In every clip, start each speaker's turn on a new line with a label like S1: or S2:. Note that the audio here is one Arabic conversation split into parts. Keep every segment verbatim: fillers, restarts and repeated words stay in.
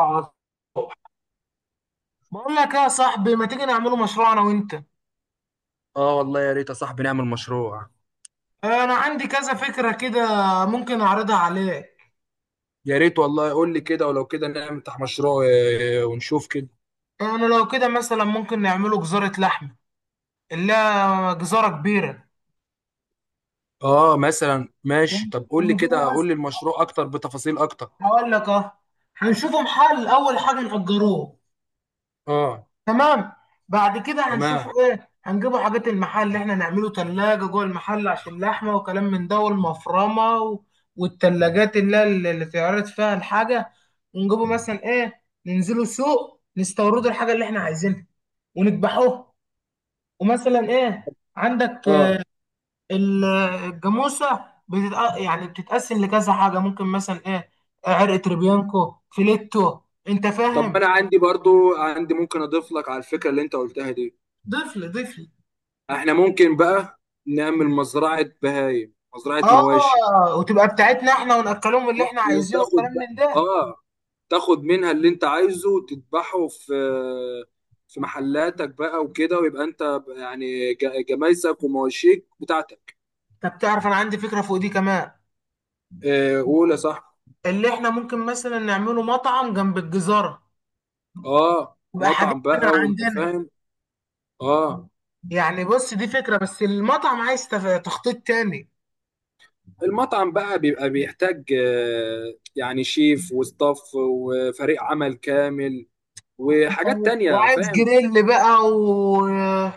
S1: على الصبح.
S2: بقول لك إيه يا صاحبي؟ ما تيجي نعمله مشروع انا وانت؟
S1: اه، والله يا ريت يا صاحبي نعمل مشروع.
S2: انا عندي كذا فكرة كده، ممكن اعرضها عليك.
S1: يا ريت والله قول لي كده، ولو كده نفتح مشروع آه، ونشوف كده.
S2: انا لو كده مثلا ممكن نعمله جزارة لحمة، اللي هي جزارة كبيرة،
S1: اه، مثلا ماشي. طب قول لي
S2: ونجيبه
S1: كده، قول
S2: مثلا.
S1: لي المشروع اكتر بتفاصيل اكتر.
S2: هقول لك اه، هنشوفه محل، اول حاجة نأجروه.
S1: اه.
S2: تمام. بعد كده هنشوف
S1: تمام.
S2: ايه، هنجيبوا حاجات المحل اللي احنا نعمله تلاجة جوه المحل عشان اللحمة وكلام من ده والمفرمة و... والتلاجات اللي هي اللي اللي تعرض فيها الحاجة. ونجيبوا مثلا ايه، ننزلوا سوق، نستوردوا الحاجة اللي احنا عايزينها، ونذبحوها. ومثلا ايه، عندك
S1: اه.
S2: آه، ال- الجاموسة بتتق... يعني بتتقسم لكذا حاجة، ممكن مثلا ايه عرق تريبيانكو فيليتو. انت
S1: طب
S2: فاهم؟
S1: انا عندي برضو عندي ممكن اضيف لك على الفكرة اللي انت قلتها دي.
S2: ضيف لي، ضيف لي.
S1: احنا ممكن بقى نعمل مزرعة بهايم مزرعة مواشي.
S2: اه، وتبقى بتاعتنا احنا، وناكلهم اللي احنا عايزينه، والكلام
S1: وتاخد بقى
S2: من ده.
S1: اه تاخد منها اللي انت عايزه وتذبحه في في محلاتك بقى وكده، ويبقى انت يعني ج- جمايسك ومواشيك بتاعتك.
S2: طب تعرف؟ انا عندي فكره فوق دي كمان،
S1: آه، قول يا صاحبي.
S2: اللي احنا ممكن مثلا نعمله مطعم جنب الجزاره،
S1: اه،
S2: يبقى حاجات
S1: مطعم
S2: من
S1: بقى وانت
S2: عندنا.
S1: فاهم. اه،
S2: يعني بص، دي فكره بس المطعم عايز تف- تخطيط تاني.
S1: المطعم بقى بيبقى بيحتاج آه، يعني شيف وستاف وفريق عمل كامل وحاجات تانية،
S2: وعايز
S1: فاهم.
S2: جريل بقى وجريل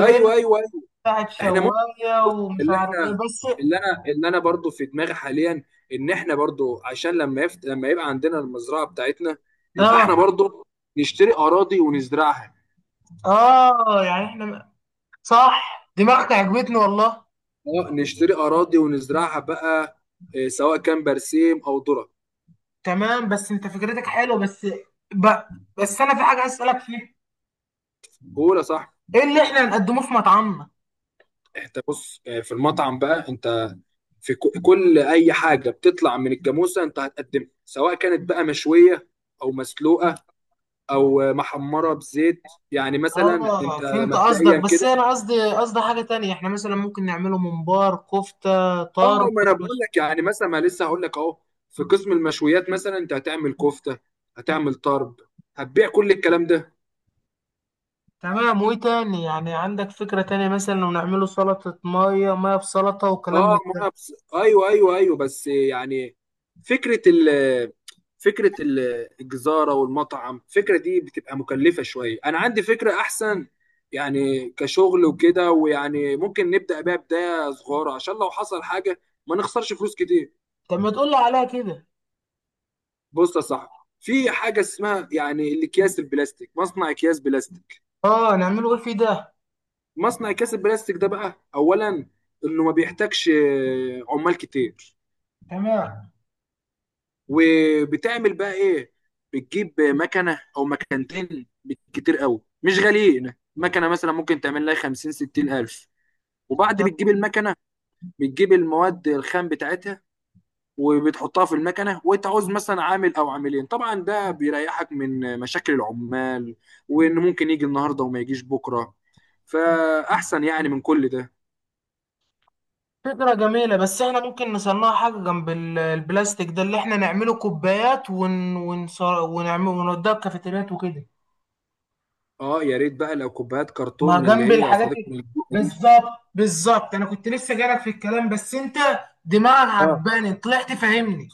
S1: ايوه، ايوه، ايوه.
S2: بتاعت
S1: احنا
S2: شوايه ومش
S1: اللي
S2: عارف ايه،
S1: احنا
S2: بس.
S1: اللي انا اللي انا برضو في دماغي حاليا ان احنا برضو عشان لما يفت... لما يبقى عندنا المزرعه بتاعتنا يبقى احنا
S2: اه،
S1: برضو نشتري اراضي ونزرعها.
S2: اه، يعني احنا، صح، دماغك عجبتني والله.
S1: اه، نشتري اراضي ونزرعها بقى، آه، سواء كان برسيم او ذره.
S2: تمام بس انت فكرتك حلوه، بس ب... بس انا في حاجه عايز اسالك فيها:
S1: بقول صح.
S2: ايه اللي احنا هنقدمه في مطعمنا؟
S1: انت بص، آه، في المطعم بقى انت في ك- كل اي حاجه بتطلع من الجاموسه انت هتقدمها، سواء كانت بقى مشويه او مسلوقه او آه، محمره بزيت، يعني مثلا
S2: اه
S1: انت
S2: فهمت قصدك،
S1: مبدئيا
S2: بس
S1: كده.
S2: انا قصدي قصدي حاجه تانية، احنا مثلا ممكن نعمله ممبار كفته
S1: اه،
S2: طرب.
S1: ما انا بقول
S2: مش-
S1: لك يعني مثلا، ما لسه هقول لك اهو. في قسم المشويات مثلا انت هتعمل كفته، هتعمل طرب، هتبيع كل الكلام ده.
S2: تمام، وايه تاني؟ يعني عندك فكره تانية مثلا لو نعمله سلطه ميه ميه بسلطه وكلام
S1: اه،
S2: من
S1: ما
S2: ده.
S1: انا بس... ايوه ايوه ايوه، بس يعني فكره ال فكره ال- الجزاره والمطعم الفكره دي بتبقى مكلفه شويه، انا عندي فكره احسن يعني كشغل وكده، ويعني ممكن نبدا بيها بدايه صغيره عشان لو حصل حاجه ما نخسرش فلوس كتير.
S2: طب ما تقول لي عليها كده.
S1: بص يا صاحبي، في حاجه اسمها يعني الاكياس البلاستيك، مصنع اكياس بلاستيك.
S2: اه، نعمله ايه في ده؟
S1: مصنع كاس البلاستيك ده بقى اولا انه ما بيحتاجش آه، عمال كتير.
S2: تمام.
S1: وبتعمل بقى ايه؟ بتجيب مكنه او مكنتين بالكتير قوي مش غاليين، مكنه مثلا ممكن تعمل لها خمسين ستين الف. وبعد بتجيب المكنه، بتجيب المواد الخام بتاعتها وبتحطها في المكنه وانت عاوز مثلا عامل او عاملين. طبعا ده بيريحك من مشاكل العمال وان ممكن يجي النهارده وما يجيش بكره، فاحسن يعني من كل ده.
S2: فكرة جميلة، بس احنا ممكن نصنع حاجة جنب ال- البلاستيك ده، اللي احنا نعمله كوبايات ون... ونص... ونعمل ونوديها الكافيتريات وكده.
S1: اه، يا ريت بقى لو كوبايات كرتون
S2: ما
S1: من اللي
S2: جنب
S1: هي يا
S2: الحاجات
S1: صديقي من
S2: ال-
S1: الجبنة دي.
S2: بالظبط، بالظبط، انا كنت لسه جايلك في الكلام، بس انت دماغك
S1: اه،
S2: عجباني، طلعت فاهمني.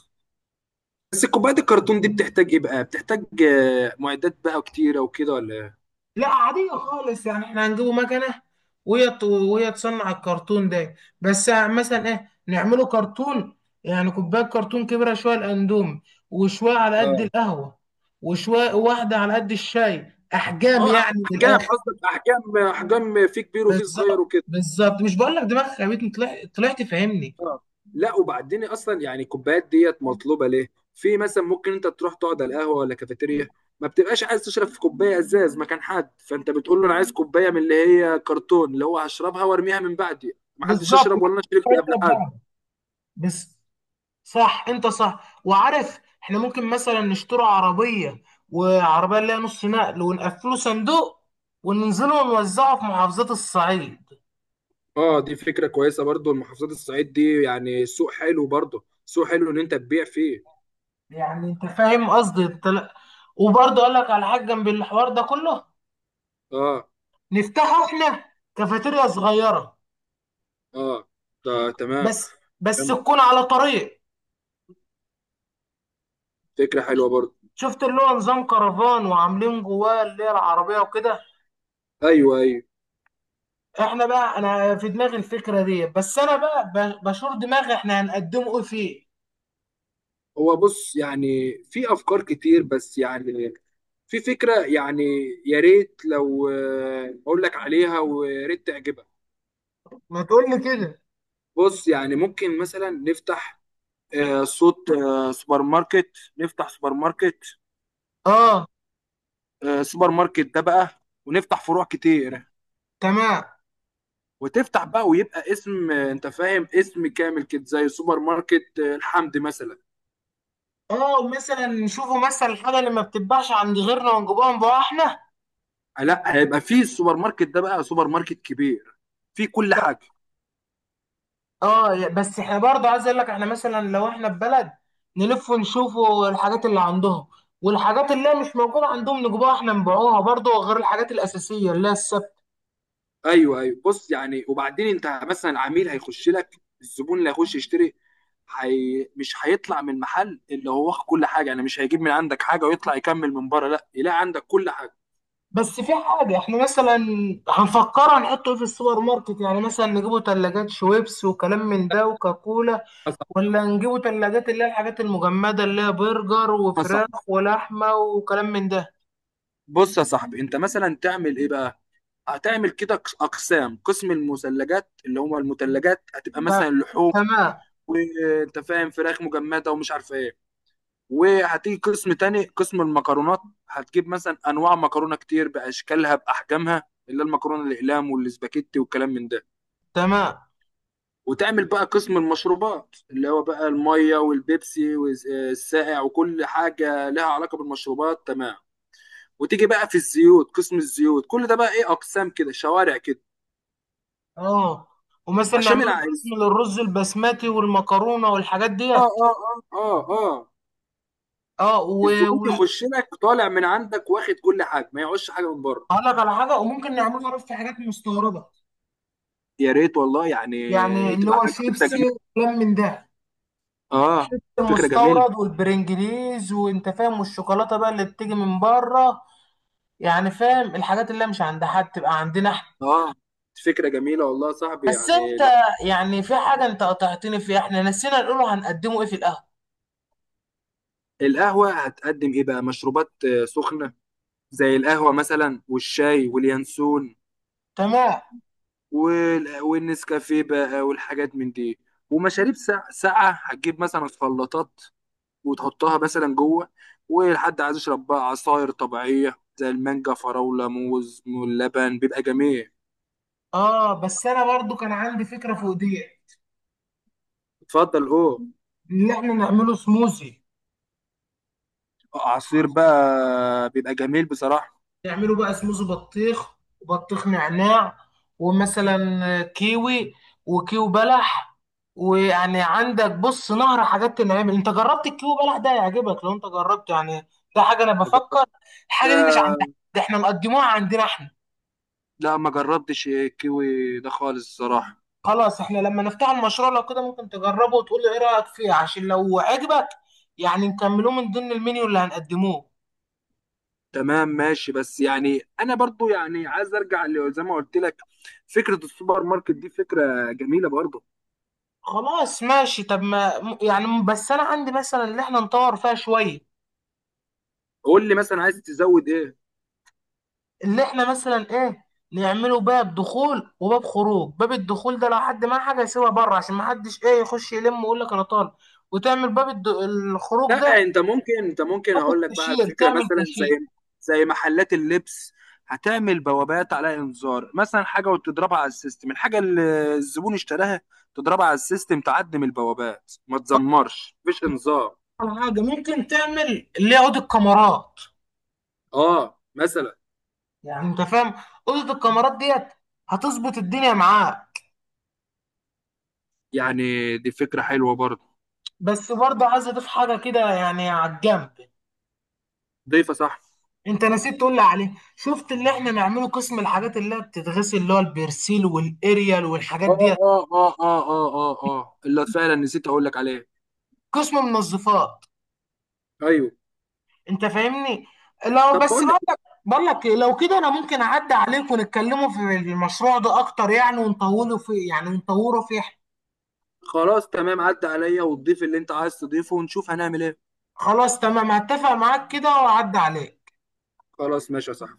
S1: بس كوبايات الكرتون دي بتحتاج ايه بقى؟ بتحتاج آه، معدات بقى كتيره وكده، ولا إيه؟
S2: لا عادية خالص، يعني احنا هنجيبه مكنة، وهي ت- وهي تصنع الكرتون ده، بس مثلا ايه نعمله كرتون، يعني كوباية كرتون كبيرة شوية الأندومي، وشوية على قد
S1: اه،
S2: القهوة، وشوية واحدة على قد الشاي، أحجام
S1: اه،
S2: يعني من
S1: احجام
S2: الآخر،
S1: قصدك، احجام، احجام، في كبير وفي
S2: بس.
S1: صغير وكده.
S2: بالظبط، مش بقول لك دماغك يا بيت، طلعت طلعت فاهمني.
S1: اه، لا، وبعدين اصلا يعني الكوبايات ديت مطلوبه ليه؟ في مثلا ممكن انت تروح تقعد على القهوه ولا كافيتيريا، ما بتبقاش عايز تشرب في كوبايه ازاز مكان حد، فانت بتقول له انا عايز كوبايه من اللي هي كرتون، اللي هو هشربها وارميها من بعدي، ما حدش
S2: بالظبط. ما
S1: يشرب ولا انا شربت
S2: تفكرش في
S1: قبل حد.
S2: بعض. بس، صح، انت صح وعارف، احنا ممكن مثلا نشتري عربية، وعربية اللي هي نص نقل ونقفله صندوق، وننزله ونوزعه في محافظات الصعيد.
S1: اه، دي فكرة كويسة برضو. المحافظات الصعيد دي يعني سوق حلو، برضو سوق حلو ان انت تبيع فيه.
S2: يعني انت فاهم قصدي انت؟ لا، وبرضه اقول لك على حاجة جنب الحوار ده كله،
S1: اه،
S2: نفتحه احنا كافيتيريا صغيرة،
S1: اه، ده تمام.
S2: بس بس
S1: تمام.
S2: تكون على طريق.
S1: فكرة حلوة برضو.
S2: شفت اللي هو نظام كرفان، وعاملين جواه اللي هي العربية وكده.
S1: ايوه، ايوه.
S2: احنا بقى انا في دماغي الفكرة دي، بس انا بقى ب- بشور دماغي، احنا هنقدمه ايه فيه؟
S1: هو بص، يعني في افكار كتير بس يعني في فكرة يعني، يا ريت لو آه، اقول لك عليها، ويا ريت تعجبك.
S2: ما تقول لي كده.
S1: بص يعني ممكن مثلا نفتح آه، صوت آه، سوبر ماركت نفتح سوبر ماركت.
S2: اه.
S1: آه، سوبر ماركت ده بقى، ونفتح فروع كتير
S2: تمام.
S1: وتفتح بقى، ويبقى اسم آه، انت فاهم، اسم كامل كده، زي سوبر ماركت آه، الحمد مثلا.
S2: اه، ومثلا نشوفوا مثلا الحاجه اللي ما بتتباعش عند غيرنا ونجيبوها نبيعها احنا.
S1: آه، لا، هيبقى فيه السوبر ماركت ده بقى سوبر ماركت كبير فيه كل
S2: ط-
S1: حاجه.
S2: اه يا- بس احنا برضه عايز اقول لك، احنا مثلا لو احنا في بلد، نلف ونشوفوا الحاجات اللي عندهم، والحاجات اللي هي مش موجوده عندهم نجيبوها احنا نبيعوها برضه، غير الحاجات الاساسيه اللي هي الثابته.
S1: ايوه، ايوه، بص يعني، وبعدين انت مثلا العميل هيخش لك، الزبون اللي هيخش يشتري حي... مش هيطلع من المحل اللي هو واخد كل حاجه، يعني مش هيجيب من عندك حاجه ويطلع يكمل من بره، لا، يلاقي عندك كل حاجه.
S2: بس في حاجه احنا مثلا هنفكرها نحطه إيه في السوبر ماركت؟ يعني مثلا نجيبوا ثلاجات شويبس وكلام من ده وكاكولا،
S1: يا صاحبي،
S2: ولا نجيبوا تلاجات اللي هي الحاجات المجمدة اللي هي برجر
S1: يا
S2: وفراخ
S1: صاحبي،
S2: ولحمة وكلام من ده؟
S1: بص يا صاحبي، انت مثلا تعمل ايه بقى؟ هتعمل كده قس- اقسام. قسم المثلجات اللي هم المثلجات هتبقى
S2: ف...
S1: مثلا لحوم
S2: تمام.
S1: وانت فاهم، فراخ مجمده ومش عارف ايه. وهتيجي قسم تاني، قسم المكرونات، هتجيب مثلا انواع مكرونه كتير باشكالها باحجامها، اللي هي المكرونه الاقلام والاسباجيتي والكلام من ده.
S2: تمام.
S1: وتعمل بقى قسم المشروبات اللي هو بقى الميه والبيبسي والسائع وكل حاجه لها علاقه بالمشروبات، تمام. وتيجي بقى في الزيوت، قسم الزيوت، كل ده بقى ايه؟ اقسام كده، شوارع كده،
S2: اه، ومثلا
S1: عشان
S2: نعمله قسم للرز البسمتي والمكرونة والحاجات
S1: اه
S2: ديت.
S1: اه اه اه اه
S2: اه و...
S1: الزبون
S2: و...
S1: يخش لك طالع من عندك واخد كل حاجه ما يعوزش حاجه من بره.
S2: هقول لك على حاجة وممكن نعمله، عارف، في حاجات مستوردة،
S1: يا ريت والله يعني
S2: يعني اللي
S1: تبقى
S2: هو
S1: حاجه، فكره
S2: شيبسي
S1: جميله.
S2: وكلام من ده،
S1: اه، فكره جميله.
S2: المستورد والبرنجليز وانت فاهم، والشوكولاتة بقى اللي بتيجي من بره، يعني فاهم، الحاجات اللي هي مش عند حد تبقى عندنا احنا.
S1: اه، فكره جميله والله يا صاحبي،
S2: بس انت،
S1: يعني لا.
S2: يعني في حاجة انت قطعتني فيها، احنا نسينا نقوله هنقدمه ايه في القهوة.
S1: القهوه هتقدم ايه بقى؟ مشروبات آه، سخنه زي القهوه مثلا والشاي واليانسون
S2: تمام.
S1: وال... والنسكافيه بقى والحاجات من دي. ومشاريب ساقعه، ساقعه هتجيب مثلا خلاطات وتحطها مثلا جوه، ولحد عايز يشرب بقى عصاير طبيعية زي المانجا، فراولة، موز، واللبن بيبقى جميل.
S2: اه، بس انا برضو كان عندي فكرة فوق دي،
S1: اتفضل اوه.
S2: ان احنا نعمله سموزي،
S1: عصير بقى بيبقى جميل بصراحة.
S2: نعمله بقى سموزي بطيخ، وبطيخ نعناع، ومثلا كيوي، وكيو بلح. ويعني عندك بص، نهر حاجات تنعمل، انت جربت الكيو بلح ده؟ هيعجبك لو انت جربته يعني، ده حاجة انا
S1: ما
S2: بفكر، الحاجة دي مش
S1: جربتها.
S2: عند، ده احنا مقدموها عندنا احنا.
S1: لا، ما جربتش الكيوي ده خالص الصراحة.
S2: خلاص، احنا لما نفتح المشروع لو كده ممكن تجربه وتقول لي ايه رأيك فيه، عشان لو عجبك يعني نكملوه من ضمن المنيو اللي هنقدموه.
S1: تمام ماشي، بس يعني انا برضو يعني عايز ارجع ل- زي ما قلت لك، فكرة السوبر ماركت دي فكرة جميلة برضو.
S2: خلاص ماشي، طب ما م- يعني، بس انا عندي مثلا اللي احنا نطور فيها شوية،
S1: قول لي مثلا عايز تزود ايه.
S2: اللي احنا مثلا ايه، نعمله باب دخول وباب خروج، باب الدخول ده لو حد معاه حاجة يسيبها بره عشان ما حدش ايه يخش يلم ويقول لك انا طالب، وتعمل باب الد... الخروج ده.
S1: لا، انت ممكن انت ممكن اقول لك بقى على
S2: كاشير،
S1: فكره
S2: تعمل
S1: مثلا
S2: كاشير.
S1: زي زي محلات اللبس، هتعمل بوابات على انذار مثلا حاجه وتضربها على السيستم الحاجه اللي الزبون اشتراها تضربها على السيستم، تعدم البوابات ما تزمرش، مفيش انذار.
S2: أول حاجة ممكن تعمل اللي يقعد الكاميرات،
S1: اه، مثلا
S2: يعني انت فاهم، اوضه الكاميرات ديت هتظبط الدنيا معاك.
S1: يعني دي فكره حلوه برضه.
S2: بس برضه عايز اضيف حاجه كده يعني على الجنب،
S1: ضيفه صح.
S2: انت نسيت تقول لي عليه، شفت اللي احنا نعمله قسم الحاجات اللي هي بتتغسل اللي هو البرسيل والاريال والحاجات
S1: اه،
S2: ديت،
S1: اه، اه، اه، اه، اه، اه، اللي فعلا نسيت اقول لك عليه.
S2: قسم منظفات،
S1: ايوه.
S2: انت فاهمني. لو
S1: طب
S2: بس
S1: بقول لك
S2: بقول لك،
S1: إيه؟
S2: بقول لك ايه، لو كده انا ممكن اعدي عليك ونتكلموا في المشروع ده اكتر، يعني ونطوله فيه، يعني ونطوره فيه.
S1: خلاص تمام، عدى عليا وتضيف اللي انت عايز تضيفه ونشوف هنعمل ايه.
S2: خلاص تمام، هتفق معاك كده واعدي عليك.
S1: خلاص ماشي صح